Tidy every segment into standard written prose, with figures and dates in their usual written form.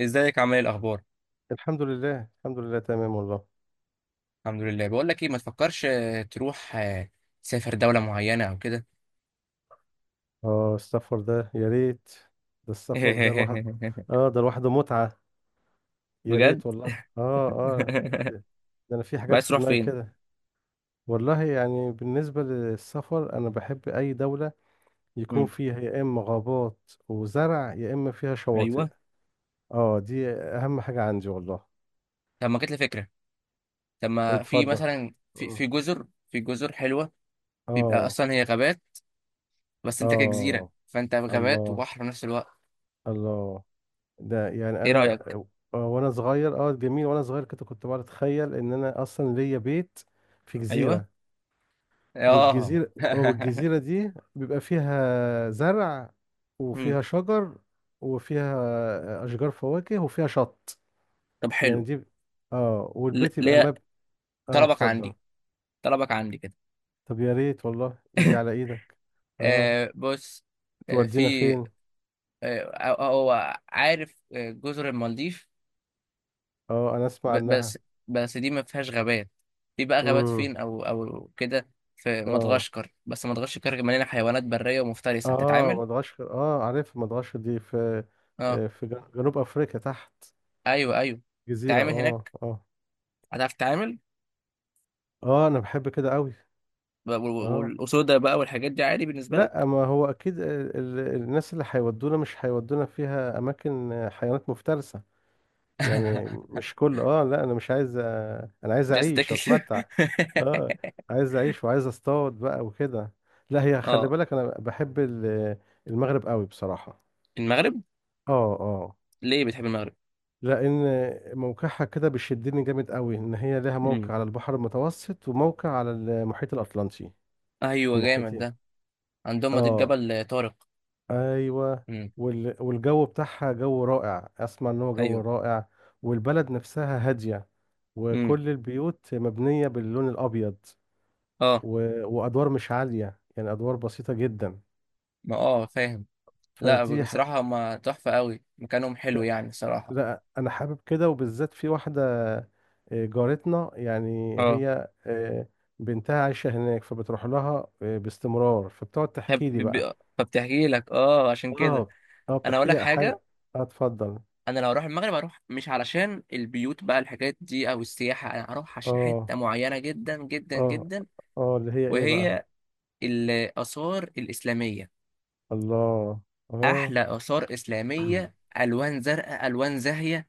ازيك؟ عامل ايه؟ الاخبار؟ الحمد لله، الحمد لله، تمام والله. الحمد لله. بقول لك ايه، ما تفكرش تروح تسافر دولة معينة او كده. اه، السفر ده يا ريت. ده السفر ده الواحد. اه، ده لوحده متعة. يا بجد. ريت والله. اه. اه. ده. انا في طب حاجات عايز في تروح دماغي فين؟ كده. والله يعني بالنسبة للسفر انا بحب اي دولة يكون مم. فيها يا اما غابات وزرع يا اما فيها شواطئ. ايوه. اه، دي اهم حاجة عندي والله. طب ما جت لي فكرة. طب ما في اتفضل. مثلا في اه. في جزر حلوة. بيبقى اه. اصلا هي غابات، بس انت كجزيرة آه، فانت غابات الله. وبحر في نفس الوقت. الله. ده يعني ايه انا. رايك؟ وانا صغير، اه جميل، وانا صغير كده كنت بقعد اتخيل ان انا اصلا ليا بيت في ايوه، جزيره. اه، والجزيره، والجزيره دي بيبقى فيها زرع، مم. وفيها شجر، وفيها اشجار فواكه، وفيها شط. طب يعني حلو. دي، اه، والبيت يبقى ليه؟ مب. اه طلبك اتفضل. عندي، طلبك عندي كده. طب يا ريت والله، ايدي على ايدك. اه. آه بص. آه، تودينا في، فين؟ هو عارف، جزر المالديف. اه انا اسمع ب- عنها. بس بس دي ما فيهاش غابات. في بقى غابات امم فين او كده؟ في اه. مدغشقر، بس مدغشقر مليانه حيوانات بريه ومفترسه، اه هتتعامل. مدغشقر، اه عارف مدغشقر دي في اه، في جنوب افريقيا تحت. ايوه ايوه. جزيرة، تتعامل اه هناك، اه. هتعرف تتعامل. اه انا بحب كده قوي. اه والاسودة بقى والحاجات دي عادي بالنسبه لا، لك؟ ما هو اكيد الناس اللي هيودونا مش هيودونا فيها اماكن حيوانات مفترسة. يعني مش كل اه، لا انا مش عايز، انا عايز جاست اعيش تاكل. واتمتع. اه، عايز اعيش وعايز اصطاد بقى وكده. لا هي خلي اه. بالك انا بحب المغرب قوي بصراحة. المغرب. اه اه. ليه بتحب المغرب؟ لان موقعها كده بيشدني جامد قوي، ان هي لها امم، موقع على البحر المتوسط وموقع على المحيط الاطلنطي. ايوه، جامد الناحيتين. ده. عندهم مضيق اه جبل طارق. ايوه. امم، والجو بتاعها جو رائع، اسمع ان هو جو ايوه، رائع. والبلد نفسها هاديه، امم، وكل البيوت مبنيه باللون الابيض، اه. و... وادوار مش عاليه، يعني ادوار بسيطه جدا. ما اه فاهم. لا، فدي ح- بصراحة هما تحفة قوي، مكانهم حلو يعني صراحة. لا انا حابب كده، وبالذات في واحده. جارتنا يعني، اه، هي بنتها عايشه هناك، فبتروح لها باستمرار، فبتقعد فب- تحكي لي بقى. ب- فبتحكي لك، اه، عشان كده. اه. اه انا اقول بتحكي لك لي حاجة. حاجه. اه اتفضل. انا لو اروح المغرب اروح مش علشان البيوت بقى الحاجات دي او السياحة، انا هروح عشان اه. حتة معينة جدا جدا اه. جدا. اه اللي هي ايه بقى؟ وهي الآثار الإسلامية. الله. اه. احلى آثار إسلامية، الوان زرقاء، الوان زاهية.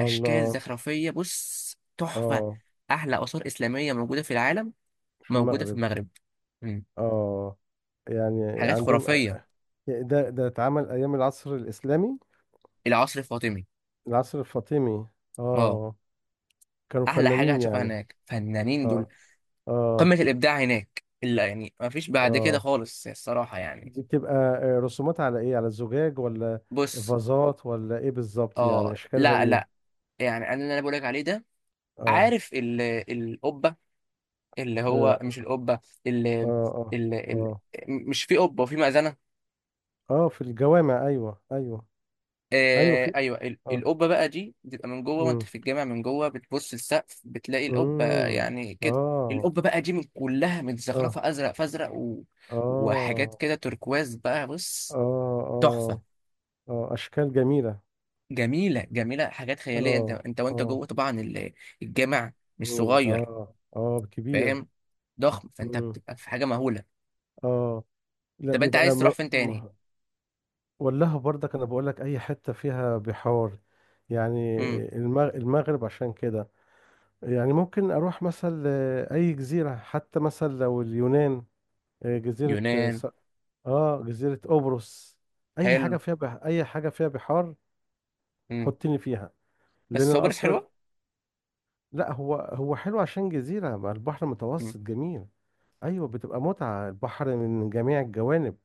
اشكال زخرفية، بص، تحفة. اه احلى آثار إسلامية موجودة في العالم في موجودة في المغرب. المغرب. مم. اه يعني حاجات عندهم، خرافية. ده اتعمل ايام العصر الاسلامي. العصر الفاطمي. العصر الفاطمي. اه. اه كانوا احلى حاجه فنانين هتشوفها يعني. هناك، فنانين دول. اه. اه. قمه الابداع هناك، الا يعني ما فيش بعد كده اه خالص الصراحه يعني. دي بتبقى رسومات على ايه، على الزجاج، ولا بص. فازات، ولا ايه بالظبط؟ يعني اه، اشكالها لا ايه؟ لا، يعني اللي انا بقولك عليه ده. اه عارف القبه، اللي هو اه مش القبه. ال اه اه ال ال مش في قبه وفي مأذنه؟ اه، في الجوامع، ايوه ايوه. ايوه آه، في. ايوه. اه. القبه بقى دي بتبقى من جوه، وانت امم في الجامع من جوه بتبص السقف بتلاقي القبه امم يعني كده. اه. القبه بقى دي من كلها اه. متزخرفه، ازرق فازرق وحاجات اه. كده تturquoise بقى، بص. اه. تحفه. اه. اه اشكال جميلة. جميله جميله، حاجات خياليه. انت اه انت وانت اه. جوه طبعا الجامع، مش صغير. اه اه كبير. فاهم. ضخم، فانت امم بتبقى في حاجه مهوله. اه لا طب انت بيبقى عايز تروح م... فين تاني؟ م... ولاها برضك، انا بقول لك اي حته فيها بحار يعني. امم. المغرب عشان كده. يعني ممكن اروح مثلا اي جزيره، حتى مثلا لو اليونان. جزيره اه يونان. جزيره قبرص. اي حاجه حلو. فيها بح، اي حاجه فيها بحار. امم. حطني فيها. لان بس هو أنا بلاش اصلا. حلوه. لا هو، هو حلو عشان جزيره مع البحر امم، المتوسط جميل. ايوه بتبقى متعه، البحر من جميع الجوانب.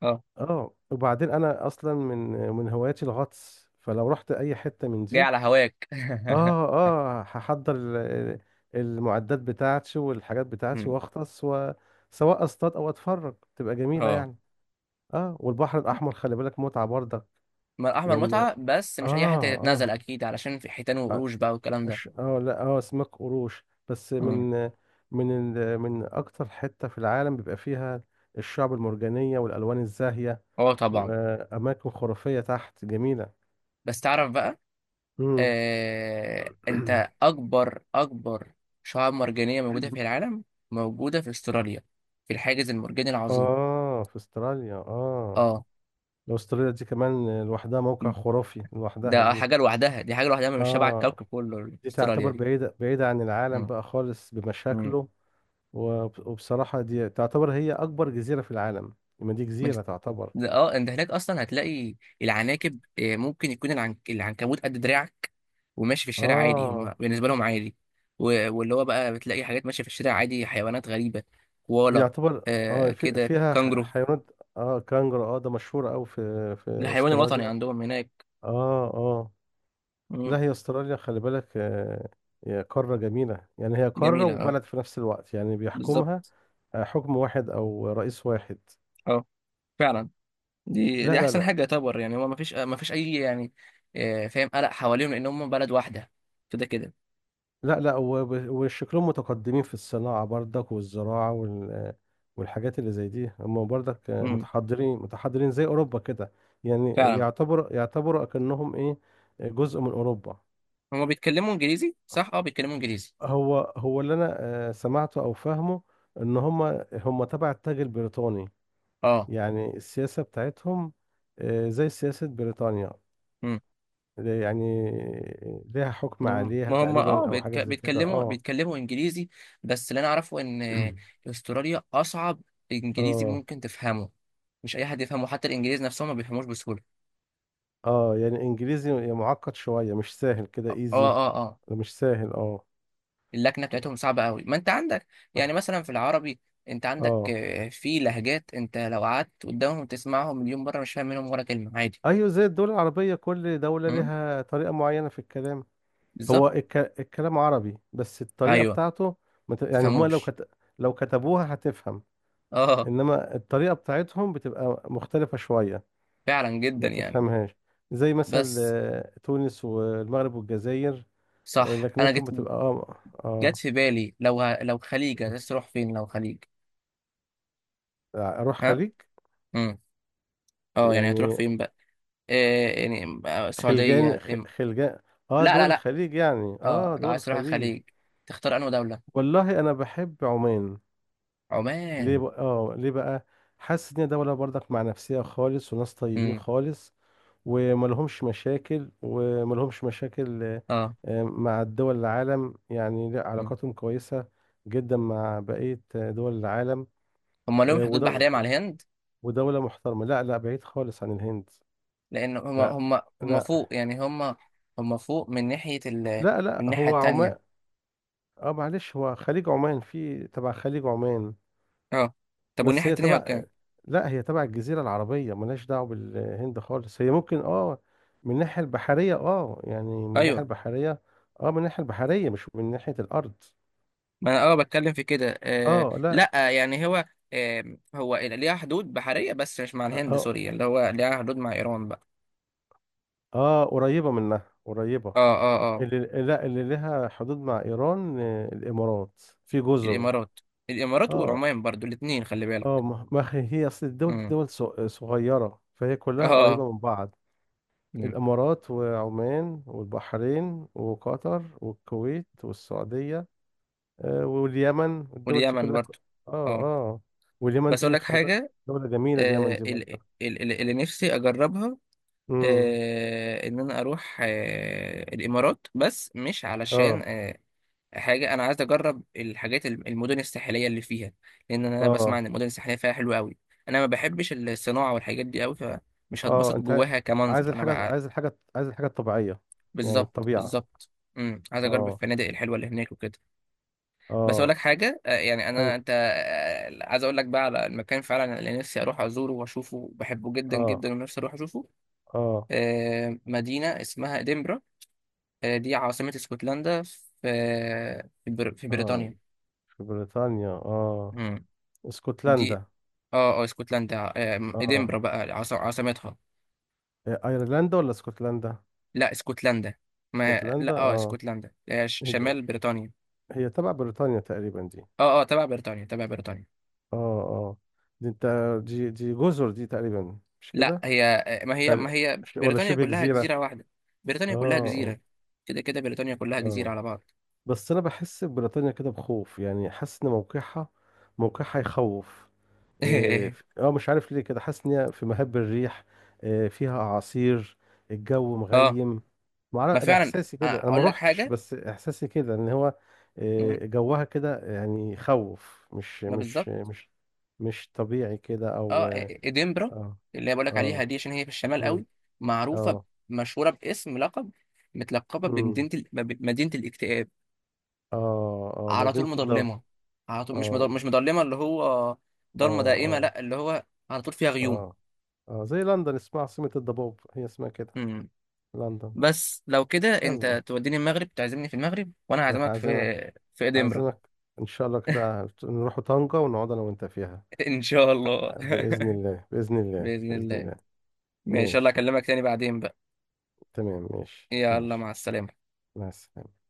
اه. اه وبعدين انا اصلا من من هواياتي الغطس، فلو رحت اي حته من دي، جاي على هواك. اه اه هحضر المعدات بتاعتي والحاجات بتاعتي، امم، واغطس وسواء اصطاد او اتفرج، تبقى جميله اه. يعني. اه والبحر الاحمر خلي بالك متعه برضك. ما احمر لان متعه بس اه مش اي حته اه تتنازل، اكيد علشان في حيتان اه وقروش بقى والكلام ده. لا اه اسماك قروش، بس مم. من من من اكتر حته في العالم بيبقى فيها الشعب المرجانيه والالوان الزاهيه، اه، طبعا. واماكن خرافيه تحت جميله. بس تعرف بقى، امم انت اكبر شعاب مرجانيه موجوده في العالم موجوده في استراليا، في الحاجز المرجاني العظيم. اه في استراليا اه. اه. أستراليا دي كمان لوحدها موقع خرافي لوحدها ده دي. حاجه لوحدها، دي حاجه لوحدها، مش شبه اه الكوكب كله دي استراليا تعتبر دي. بعيدة بعيدة عن العالم مم. بقى خالص بمشاكله. وبصراحة دي تعتبر هي أكبر جزيرة في العالم. ما دي مم. جزيرة تعتبر. ده، اه، انت هناك اصلا هتلاقي العناكب، ممكن يكون العنكبوت قد دراعك وماشي في الشارع عادي، اه هم بالنسبه لهم عادي. و... واللي هو بقى بتلاقي حاجات ماشيه في الشارع عادي، حيوانات غريبه. كوالا. يعتبر اه، آه في كده، فيها كانجرو. حيوانات. اه كانجر، اه ده مشهور أوي في في ده الحيوان الوطني أستراليا. عندهم هناك. اه اه. لا مم. هي أستراليا خلي بالك آه، هي قارة جميلة. يعني هي قارة جميله، اه. وبلد في نفس الوقت، يعني بالظبط. بيحكمها حكم واحد أو رئيس واحد. اه، فعلا. دي لا دي لا احسن لا. حاجه يعتبر، يعني هو ما فيش اي يعني فاهم، قلق حواليهم لان هم بلد واحده كده كده. لا لا وشكلهم متقدمين في الصناعة برضك والزراعة والحاجات اللي زي دي، هم برضك مم. متحضرين متحضرين زي أوروبا كده. يعني فعلا. يعتبر، يعتبروا أكنهم إيه، جزء من أوروبا. هم بيتكلموا انجليزي، صح؟ اه، بيتكلموا انجليزي. هو هو اللي أنا سمعته أو فاهمه، إن هم هم تبع التاج البريطاني. اه، يعني السياسة بتاعتهم زي سياسة بريطانيا يعني، ليها حكم عليها ما هم، اه، تقريبا أو حاجة زي كده بيتكلموا أه. بيتكلموا انجليزي. بس اللي انا اعرفه ان استراليا اصعب انجليزي اه. ممكن تفهمه. مش اي حد يفهمه، حتى الانجليز نفسهم ما بيفهموش بسهوله. اه يعني انجليزي يعني معقد شوية، مش سهل كده اه، ايزي. اه، اه، آه. مش سهل اه. اللكنه بتاعتهم صعبه قوي. ما انت عندك، يعني مثلا في العربي، انت عندك، اه في لهجات، انت لو قعدت قدامهم تسمعهم مليون مره مش فاهم منهم ولا كلمه عادي. ايوه، زي الدول العربية، كل دولة امم. لها طريقة معينة في الكلام. بالظبط. هو الك... الكلام عربي، بس الطريقة ايوه. بتاعته مت... يعني هما لو تفهموش. كت... لو كتبوها هتفهم، اه، انما الطريقة بتاعتهم بتبقى مختلفة شوية، فعلا، ما جدا يعني. تفهمهاش. زي مثل بس، تونس والمغرب والجزائر. صح، انا لكنتهم جيت بتبقى اه جت اه. في بالي، لو لو خليج عايز تروح فين؟ لو خليج؟ اروح ها. خليج امم. اه، يعني هتروح يعني. فين بقى؟ إيه يعني، السعودية، خلجان. اه لا لا دول لا. الخليج يعني، اه، اه لو دول عايز تروح الخليج. الخليج تختار انهي دولة؟ والله انا بحب عمان. ليه عمان. بقى؟ اه ليه بقى؟ حاسس ان هي دولة برضك مع نفسها خالص، وناس طيبين امم، خالص، وملهمش مشاكل، وملهمش مشاكل اه. مع دول العالم. يعني لا، مم. علاقاتهم كويسة جدا مع بقية دول العالم. هم لهم آه، حدود بحرية ودو مع الهند؟ ودولة محترمة. لا لا، بعيد خالص عن الهند. لان هم لا هم هم لا فوق، يعني هم فوق من ناحية لا. من لا الناحية هو التانية. عمان. اه معلش، هو خليج عمان في تبع خليج عمان. اه، طب بس والناحية هي التانية تبع، كام؟ لا هي تبع الجزيرة العربية، ملهاش دعوة بالهند خالص. هي ممكن اه من الناحية البحرية، اه يعني من الناحية ايوه، البحرية. اه من الناحية البحرية مش من ناحية الأرض. ما انا اه بتكلم في كده، آه، اه لا. لا يعني هو، آه، هو ليها حدود بحرية بس مش مع الهند، اه سوريا اللي هو ليها حدود مع ايران بقى. اه قريبة منها قريبة. اه، اه، اه. اللي لا اللي لها حدود مع إيران الإمارات في جزر. الامارات. الامارات اه والعمان برضو الاتنين خلي اه بالك. ما هي، هي أصل الدول دي امم، دول صغيرة، فهي كلها اه، قريبة من بعض. امم. الإمارات وعمان والبحرين وقطر والكويت والسعودية واليمن. الدول دي واليمن كلها برضو. اه اه. اه واليمن بس اقول دي لك خلي بالك، حاجة، دولة جميلة اليمن دي برضه. اللي نفسي اجربها، امم ان انا اروح الامارات، بس مش علشان اه. حاجه، انا عايز اجرب الحاجات، المدن الساحليه اللي فيها، لان انا بسمع اه. ان المدن الساحليه فيها حلوه قوي. انا ما بحبش الصناعه والحاجات دي قوي، فمش هتبسط اه انت جواها عايز كمنظر انا الحاجة، بقى. عايز الحاجة، عايز الحاجة الطبيعية، يعني بالظبط، الطبيعة. بالظبط. امم، عايز اجرب اه الفنادق الحلوه اللي هناك وكده. بس اقول اه. لك حاجه، يعني اي. انا، انت، عايز اقول لك بقى على المكان فعلا اللي نفسي اروح ازوره واشوفه، بحبه جدا اه. جدا ونفسي اروح اشوفه. اه. مدينه اسمها ادنبرا. دي عاصمه اسكتلندا، في في اه بريطانيا. في بريطانيا اه. مم. دي، اسكتلندا. اه اسكتلندا، اه ادنبرا بقى عاصمتها. إيه، ايرلندا ولا اسكتلندا؟ لا، اسكتلندا. ما اسكتلندا لا، اه، اه. اسكتلندا هي شمال بريطانيا. هي تبع بريطانيا تقريبا دي. اه اه، تبع بريطانيا، تبع بريطانيا. اه اه. دي انت، دي دي جزر دي تقريبا مش لا، كده؟ هي، ما هي خل... ما هي ولا بريطانيا شبه كلها جزيرة جزيرة؟ واحدة. بريطانيا كلها اه اه جزيرة. كده كده، بريطانيا كلها جزيرة آه. على بعض. بس انا بحس بريطانيا كده بخوف، يعني حاسس ان موقعها، موقعها يخوف. اه مش عارف ليه، كده حاسس ان هي في مهب الريح. إيه، فيها اعاصير، الجو اه، مغيم. ما معرف، انا فعلا. احساسي كده، انا ما اقول لك روحتش، حاجة. بس احساسي كده ان هو مم. إيه، جوها كده يعني يخوف، ما بالظبط. مش طبيعي كده اه، او. ادنبرا اه اللي بقول لك عليها اه. دي عشان هي في الشمال مم، قوي، معروفة، اه. مشهورة باسم لقب، متلقبة مم، بمدينة مدينة الاكتئاب. اه. اه على طول مدينة الدار. مضلمه، على طول مش اه مش مضلمه، اللي هو اه ضلمه دائمه، اه لا، اللي هو على طول فيها غيوم. اه اه، زي لندن اسمها عاصمة الضباب، هي اسمها كده مم. لندن. بس لو كده يلا، انت توديني المغرب تعزمني في المغرب، وانا أنا هعزمك في، هعزمك، في ادنبرا. هعزمك. ان شاء الله كده نروح طنجة ونقعد انا وانت فيها. ان شاء الله. بإذن الله، بإذن الله، باذن بإذن الله. الله. ماشي، يلا ماشي، اكلمك تاني بعدين بقى. تمام، ماشي يلا، ماشي. مع السلامه. مع السلامة.